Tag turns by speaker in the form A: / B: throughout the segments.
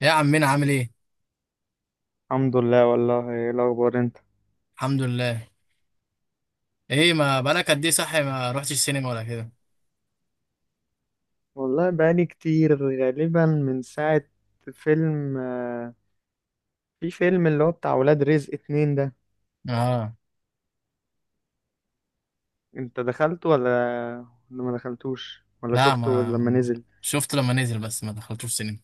A: يا عمنا، عامل ايه؟
B: الحمد لله. والله ايه الاخبار انت؟
A: الحمد لله. ايه، ما بقالك قد ايه صحي ما رحتش السينما ولا كده؟
B: والله بقالي كتير غالبا من ساعة فيلم. في فيلم اللي هو بتاع ولاد رزق اتنين ده.
A: اه.
B: انت دخلته ولا ما دخلتوش ولا
A: لا،
B: شفته لما
A: ما
B: نزل؟
A: شفت لما نزل، بس ما دخلتوش السينما.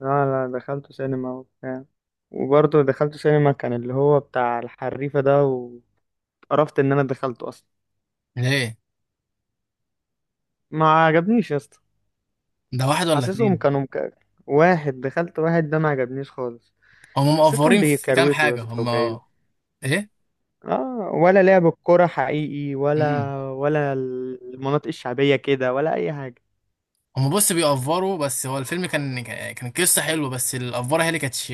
B: لا لا دخلته سينما وبتاع. وبرضه دخلته سينما كان اللي هو بتاع الحريفة ده، وقرفت ان انا دخلته اصلا.
A: ليه؟
B: ما عجبنيش يا اسطى.
A: ده واحد ولا
B: حاسسهم
A: اتنين؟
B: كانوا مك... واحد دخلت، واحد ده ما عجبنيش خالص.
A: هم
B: حسيتهم
A: مقفرين في كام
B: بيكروتوا يا
A: حاجه
B: اسطى.
A: هم؟ ايه.
B: اه ولا لعب الكرة حقيقي
A: امم
B: ولا المناطق الشعبية كده ولا أي حاجة.
A: هم، بص، بيقفروا، بس هو الفيلم كان قصه حلوه، بس الافوره هي اللي كانتش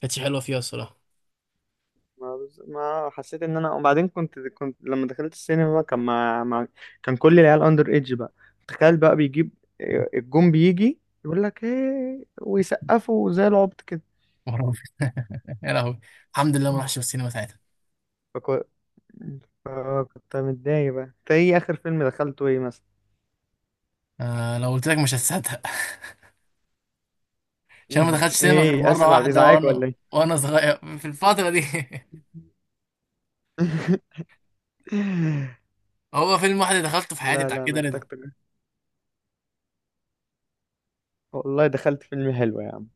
A: كانتش حلوه فيها الصراحه.
B: ما حسيت إن أنا. وبعدين كنت لما دخلت السينما بقى، كان كل العيال أندر إيدج بقى. تخيل بقى بيجيب، الجون بيجي يقول لك إيه، ويسقفوا زي العبط كده.
A: يا لهوي. الحمد لله ما رحتش السينما ساعتها.
B: فكو... فكنت متضايق بقى. أنت إيه آخر فيلم دخلته إيه مثلا؟
A: آه، لو قلت لك مش هتصدق. عشان ما دخلتش سينما غير
B: إيه
A: مرة
B: آسف على
A: واحدة،
B: الإزعاج ولا
A: وانا
B: إيه؟
A: وانا صغير في الفترة دي. هو فيلم واحد اللي دخلته في حياتي،
B: لا
A: بتاع
B: لا
A: كده،
B: محتاج
A: رضا.
B: تجربة. والله دخلت فيلم حلو يا عم.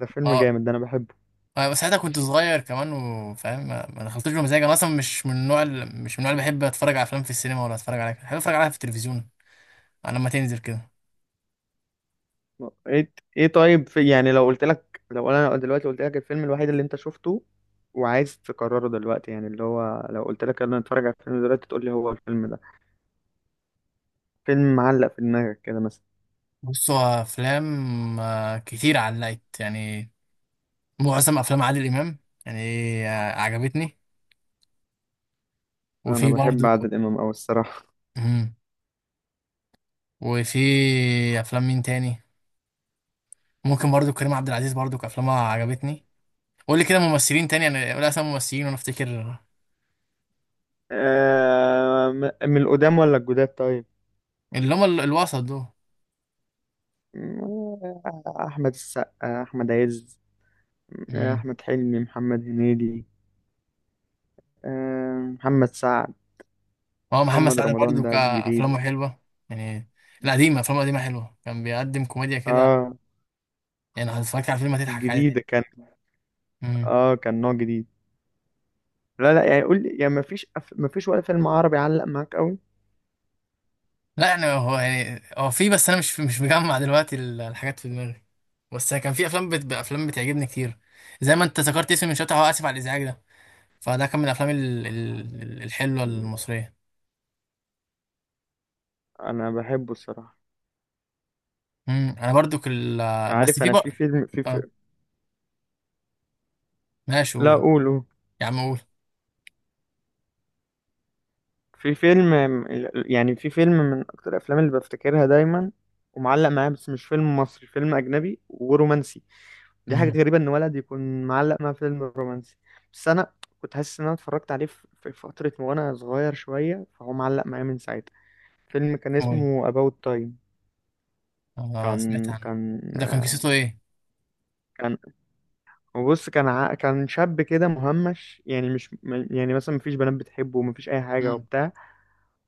B: ده فيلم
A: اه.
B: جامد، ده انا بحبه.
A: أنا ساعتها كنت صغير كمان وفاهم، ما دخلتوش بمزاج، انا اصلا مش من النوع اللي بحب اتفرج على افلام في السينما، ولا اتفرج عليها، بحب اتفرج عليها في التلفزيون، على لما تنزل كده.
B: ايه ايه طيب. في يعني لو قلت لك، لو انا دلوقتي قلت لك الفيلم الوحيد اللي انت شفته وعايز تكرره دلوقتي، يعني اللي هو لو قلت لك انا اتفرج على الفيلم دلوقتي تقول لي هو الفيلم ده، فيلم معلق في دماغك كده مثلا.
A: بص، هو افلام كتير علقت، يعني. معظم افلام عادل امام، يعني. عجبتني.
B: انا
A: وفي
B: بحب
A: برضه.
B: عادل امام قوي الصراحه.
A: مم. وفي افلام مين تاني؟ ممكن برضو كريم عبد العزيز، برضو افلامها عجبتني. قول لي كده ممثلين تاني، انا قول اسامي ممثلين وانا افتكر.
B: من القدام ولا الجداد طيب؟
A: اللي هم الوسط دول.
B: آه، احمد السقا، احمد عز.
A: مم.
B: احمد حلمي، محمد هنيدي. محمد سعد.
A: هو محمد
B: محمد
A: سعد
B: رمضان
A: برضه
B: ده جديد.
A: كافلامه حلوه، يعني. القديمه، افلامه القديمه حلوه، كان بيقدم كوميديا كده.
B: اه
A: يعني لو اتفرجت على فيلم هتضحك عادي.
B: جديدة كان.
A: مم.
B: اه كان نوع جديد. لا لا يعني قول لي، يعني مفيش ولا فيلم عربي علق معاك قوي؟
A: لا، يعني هو يعني هو في، بس انا مش مجمع دلوقتي الحاجات في دماغي. بس كان في افلام افلام بتعجبني كتير، زي ما انت ذكرت اسم من شويه، هو اسف على الازعاج ده، فده كان من الافلام الحلوه المصريه.
B: انا بحبه الصراحة.
A: مم. انا برضو كل. بس
B: عارف
A: في
B: انا في
A: بقى.
B: فيلم
A: اه. ماشي،
B: لا
A: قول.
B: قول قول.
A: يا عم، قول.
B: في فيلم، يعني في فيلم من اكتر الافلام اللي بفتكرها دايما، ومعلق معايا بس مش فيلم مصري، فيلم اجنبي ورومانسي. دي حاجة
A: امم.
B: غريبة ان ولد يكون معلق مع فيلم رومانسي. بس انا كنت حاسس ان انا اتفرجت عليه في فترة وانا صغير شوية، فهو معلق معايا من ساعتها. فيلم كان
A: قول.
B: اسمه About Time.
A: اه، سمعت
B: كان
A: عنه.
B: كان
A: ده كان قصته ايه؟
B: كان بص كان شاب كده مهمش، يعني مش م- يعني مثلا مفيش بنات بتحبه ومفيش اي حاجه
A: امم.
B: وبتاع.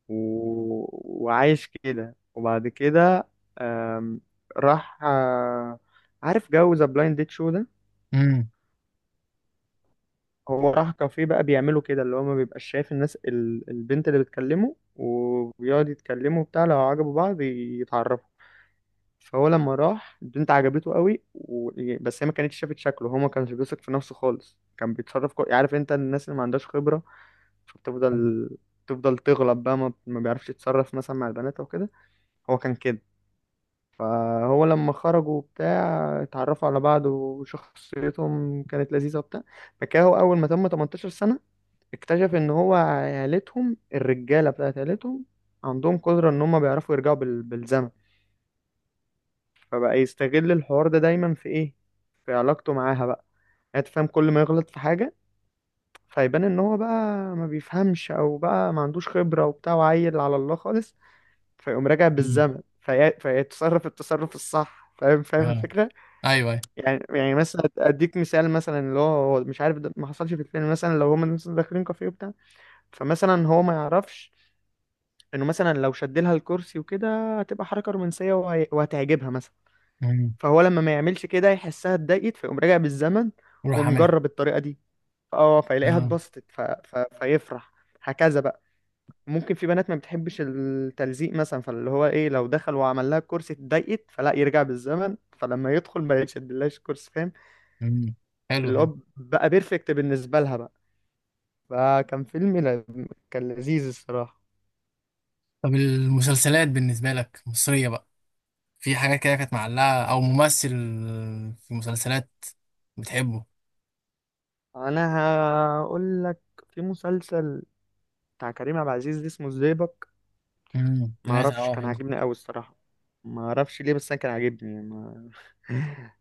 B: و... وعايش كده. وبعد كده آم... راح. عارف جو ذا بلايند ديت شو ده؟
A: امم.
B: هو راح كافيه بقى بيعملوا كده، اللي هو ما بيبقاش شايف الناس، البنت اللي بتكلمه، وبيقعد يتكلموا بتاع، لو عجبوا بعض يتعرفوا. فهو لما راح البنت عجبته قوي. و... بس هي ما كانتش شافت شكله. هو ما كانش بيثق في نفسه خالص. كان بيتصرف عارف انت الناس اللي ما عندهاش خبرة، فبتفضل تفضل تغلط بقى. ما بيعرفش يتصرف مثلا مع البنات او كده. هو كان كده. فهو لما خرجوا بتاع اتعرفوا على بعض وشخصيتهم كانت لذيذة وبتاع. فكاهو أول ما تم 18 سنة اكتشف إن هو عيلتهم، الرجالة بتاعت عيلتهم، عندهم قدرة إن هما بيعرفوا يرجعوا بالزمن. فبقى يستغل الحوار ده دايما في ايه؟ في علاقته معاها بقى. يعني انت فاهم، كل ما يغلط في حاجة فيبان ان هو بقى ما بيفهمش او بقى ما عندوش خبرة وبتاع وعيل على الله خالص، فيقوم راجع
A: امم.
B: بالزمن فيتصرف التصرف الصح. فاهم فاهم
A: اه.
B: الفكرة؟
A: ايوه، ايوه.
B: يعني مثلا اديك مثال، مثلا اللي هو هو مش عارف، ده ما حصلش في الفيلم، مثلا لو هما مثلا داخلين كافيه وبتاع، فمثلا هو ما يعرفش انه مثلا لو شد لها الكرسي وكده هتبقى حركة رومانسية وهتعجبها مثلا.
A: امم.
B: فهو لما ما يعملش كده يحسها اتضايقت، فيقوم راجع بالزمن
A: وراح عاملها.
B: ومجرب الطريقة دي. اه فيلاقيها
A: اه.
B: اتبسطت فيفرح. هكذا بقى. ممكن في بنات ما بتحبش التلزيق مثلا، فاللي هو ايه، لو دخل وعمل لها الكرسي اتضايقت، فلا يرجع بالزمن، فلما يدخل ما يشدلهاش الكرسي. فاهم؟
A: امم. حلو،
B: اللي
A: حلو.
B: هو بقى بيرفكت بالنسبة لها بقى. فكان فيلم كان لذيذ الصراحة.
A: طب، المسلسلات بالنسبه لك مصريه بقى، في حاجات كده كانت معلقه او ممثل، في مسلسلات بتحبه؟
B: انا هقول لك. في مسلسل بتاع كريم عبد العزيز اسمه الزيبق.
A: امم،
B: ما
A: سمعت.
B: اعرفش،
A: اه،
B: كان
A: حلو.
B: عاجبني قوي الصراحه. ما اعرفش ليه بس انا كان عاجبني يعني. ما...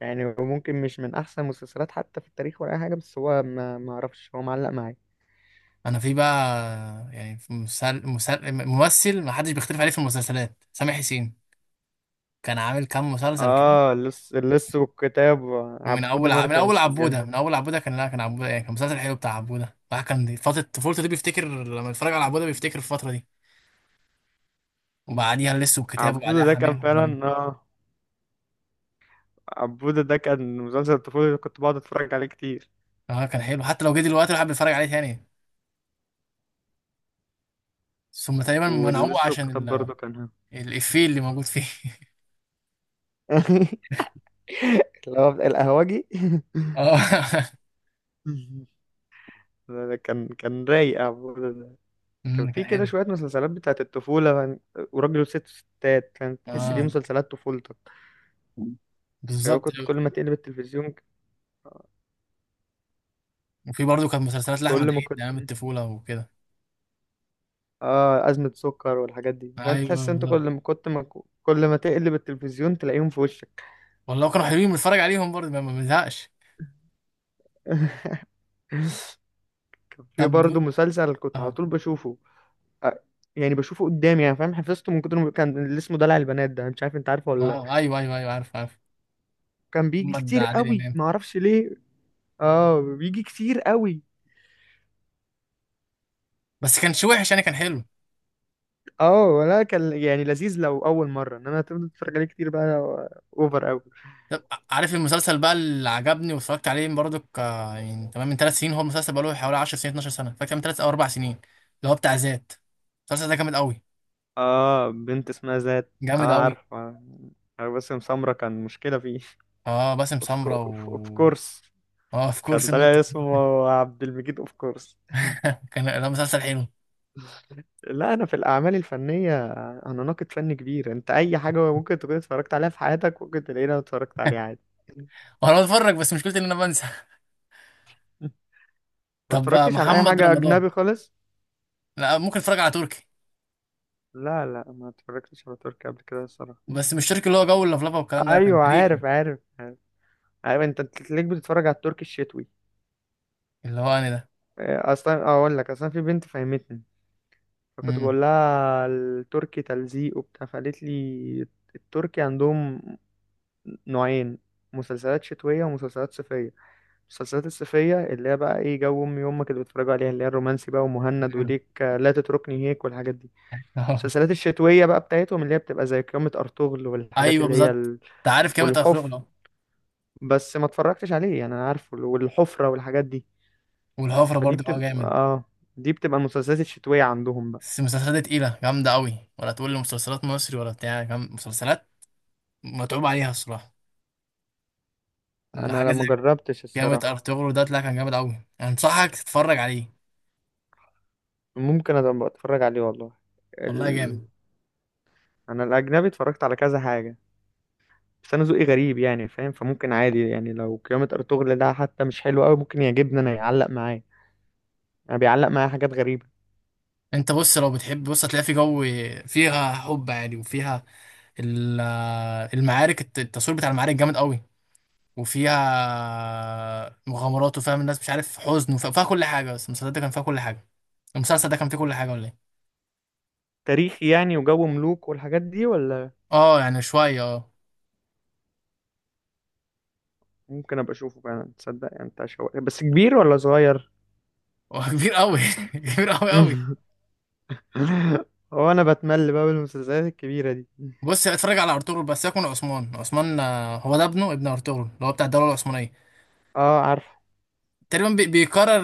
B: يعني هو ممكن مش من احسن المسلسلات حتى في التاريخ ولا اي حاجه، بس هو ما اعرفش، هو معلق معايا.
A: انا في بقى. يعني في ممثل ما حدش بيختلف عليه في المسلسلات، سامح حسين. كان عامل كام مسلسل كده.
B: اه اللص، اللص والكتاب،
A: ومن
B: عبودة
A: اول ع... من
B: ماركة
A: اول
B: مسجلة.
A: عبوده من اول عبوده كان، لا، كان عبوده ايه؟ كان مسلسل حلو بتاع عبوده. الواحد كان دي فتره طفولته، دي بيفتكر لما يتفرج على عبوده بيفتكر الفتره دي. وبعديها لسه والكتاب، وبعديها
B: عبودة ده
A: حمير
B: كان
A: وحرامية.
B: فعلا. اه عبودة ده كان مسلسل الطفولة اللي كنت بقعد اتفرج عليه كتير.
A: اه، كان حلو، حتى لو جه دلوقتي الواحد بيتفرج عليه تاني. ثم تقريبا منعوه
B: واللص
A: عشان
B: والكتاب برضه كان.
A: الافيه اللي موجود فيه.
B: اللي هو القهوجي.
A: اه.
B: ده كان رايق عبودة ده. كان في
A: كان
B: كده
A: حلو.
B: شوية مسلسلات بتاعت الطفولة وراجل وست وستات. كانت تحس دي
A: اه،
B: مسلسلات طفولتك. أيوة
A: بالظبط.
B: كنت كل ما تقلب التلفزيون.
A: وفي برضه كانت مسلسلات
B: كل
A: لاحمد
B: ما
A: عيد
B: كنت،
A: ايام الطفوله وكده.
B: اه أزمة سكر والحاجات دي، فأنت تحس
A: ايوه،
B: أنت
A: بالظبط.
B: كل ما كنت ما كل ما تقلب التلفزيون تلاقيهم في وشك.
A: والله كانوا حلوين بنتفرج عليهم برضه ما بنزهقش.
B: كان في
A: طب.
B: برضه مسلسل كنت على
A: اه.
B: طول بشوفه. آه، يعني بشوفه قدامي يعني فاهم، حفظته من كتر ما كان، اللي اسمه دلع البنات ده، مش عارف انت عارفه ولا لا.
A: ايوه، ايوه، ايوه، عارف، عارف.
B: كان بيجي
A: محمد
B: كتير
A: عادل
B: قوي
A: امام.
B: ما اعرفش ليه. اه بيجي كتير قوي.
A: بس كانش وحش يعني، كان حلو.
B: اه ولا كان يعني لذيذ لو اول مره، انما هتفضل تتفرج عليه كتير بقى، اوفر اوي.
A: طب، عارف المسلسل بقى اللي عجبني واتفرجت عليه برضه، يعني تمام من ثلاث سنين، هو المسلسل بقى له حوالي 10 سنين، 12 سنه، فاكر من ثلاث او اربع سنين، اللي هو بتاع ذات. المسلسل ده جامد قوي.
B: اه بنت اسمها ذات. اه
A: جامد قوي.
B: عارف عارف. باسم سمرة كان مشكله فيه.
A: اه، باسم سمرة
B: اوف
A: و
B: كورس.
A: اه اوف
B: كان
A: كورس.
B: طالع اسمه عبد المجيد اوف كورس.
A: كان ده مسلسل حلو.
B: لا انا في الاعمال الفنيه انا ناقد فني كبير. انت اي حاجه ممكن تكون اتفرجت عليها في حياتك ممكن تلاقيني اتفرجت عليها عادي.
A: وانا بتفرج بس مشكلتي ان انا بنسى.
B: ما
A: طب،
B: اتفرجتش على اي
A: محمد
B: حاجه
A: رمضان.
B: اجنبي خالص.
A: لا، ممكن اتفرج على تركي.
B: لا لا، ما اتفرجتش على تركي قبل كده الصراحه.
A: بس مش تركي اللي هو جو اللفلفه والكلام ده، لا، كان
B: ايوه
A: تاريخي.
B: عارف عارف. عارف انت تلاقيك بتتفرج على التركي الشتوي.
A: اللي هو انا ده.
B: اصلا اقول لك، اصلا في بنت فهمتني. فكنت
A: امم.
B: بقول لها التركي تلزيق وبتاع، فقالت لي التركي عندهم نوعين: مسلسلات شتوية ومسلسلات صيفية. المسلسلات الصيفية اللي هي بقى ايه، جو امي وامك اللي بيتفرجوا عليها، اللي هي الرومانسي بقى ومهند، وليك لا تتركني هيك والحاجات دي. المسلسلات الشتوية بقى بتاعتهم اللي هي بتبقى زي قيامة ارطغرل والحاجات
A: ايوه،
B: اللي هي
A: بالظبط. انت عارف كام بتاع
B: والحفر.
A: شغله.
B: بس ما اتفرجتش عليه يعني، انا عارفه والحفرة والحاجات دي.
A: والهفره
B: فدي
A: برضه بقى
B: بتبقى
A: جامد.
B: اه، دي بتبقى المسلسلات الشتوية عندهم بقى.
A: بس المسلسلات دي تقيله جامده قوي، ولا تقول لي مسلسلات مصري ولا بتاع مسلسلات متعوب عليها الصراحه.
B: انا
A: الحاجه
B: لا ما
A: زي
B: جربتش
A: جامد،
B: الصراحة.
A: ارطغرل ده طلع كان جامد قوي، انصحك تتفرج عليه.
B: ممكن ابقى اتفرج عليه والله.
A: والله
B: ال...
A: جامد.
B: انا الاجنبي اتفرجت على كذا حاجة، بس انا ذوقي غريب يعني فاهم، فممكن عادي يعني لو قيامة ارطغرل ده حتى مش حلو قوي ممكن يعجبني انا، يعلق معايا. انا بيعلق معايا حاجات غريبة.
A: انت بص، لو بتحب بص هتلاقي في جو، فيها حب عادي وفيها ال- المعارك، التصوير بتاع المعارك جامد قوي، وفيها مغامرات وفيها الناس مش عارف حزن، وفيها كل حاجه، بس المسلسل ده كان فيها كل حاجه، المسلسل ده كان فيه كل حاجه ولا ايه؟
B: تاريخي يعني وجو ملوك والحاجات دي ولا؟
A: اه، يعني شويه اه.
B: ممكن ابقى اشوفه فعلا تصدق. يعني انت بس كبير ولا صغير؟
A: هو كبير قوي. كبير قوي قوي.
B: هو انا بتمل بقى بالمسلسلات الكبيرة دي.
A: بص، اتفرج على ارطغرل بس، يكون عثمان عثمان، هو ده ابنه، ابن ارطغرل اللي هو بتاع الدوله العثمانيه.
B: اه عارف.
A: تقريبا بيكرر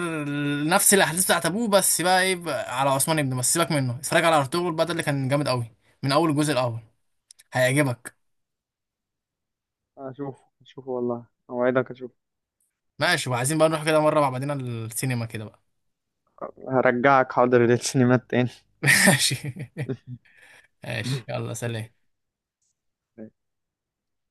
A: نفس الاحداث بتاعت ابوه، بس بقى ايه بقى على عثمان ابنه، بس سيبك منه، اتفرج على ارطغرل بقى، ده اللي كان جامد قوي من اول الجزء الاول، هيعجبك.
B: اشوف اشوف والله اوعدك اشوف.
A: ماشي، وعايزين بقى نروح كده مره مع بعضنا السينما كده بقى.
B: هرجعك حاضر للسينمات تاني.
A: ماشي. ماشي، يلا، سلام.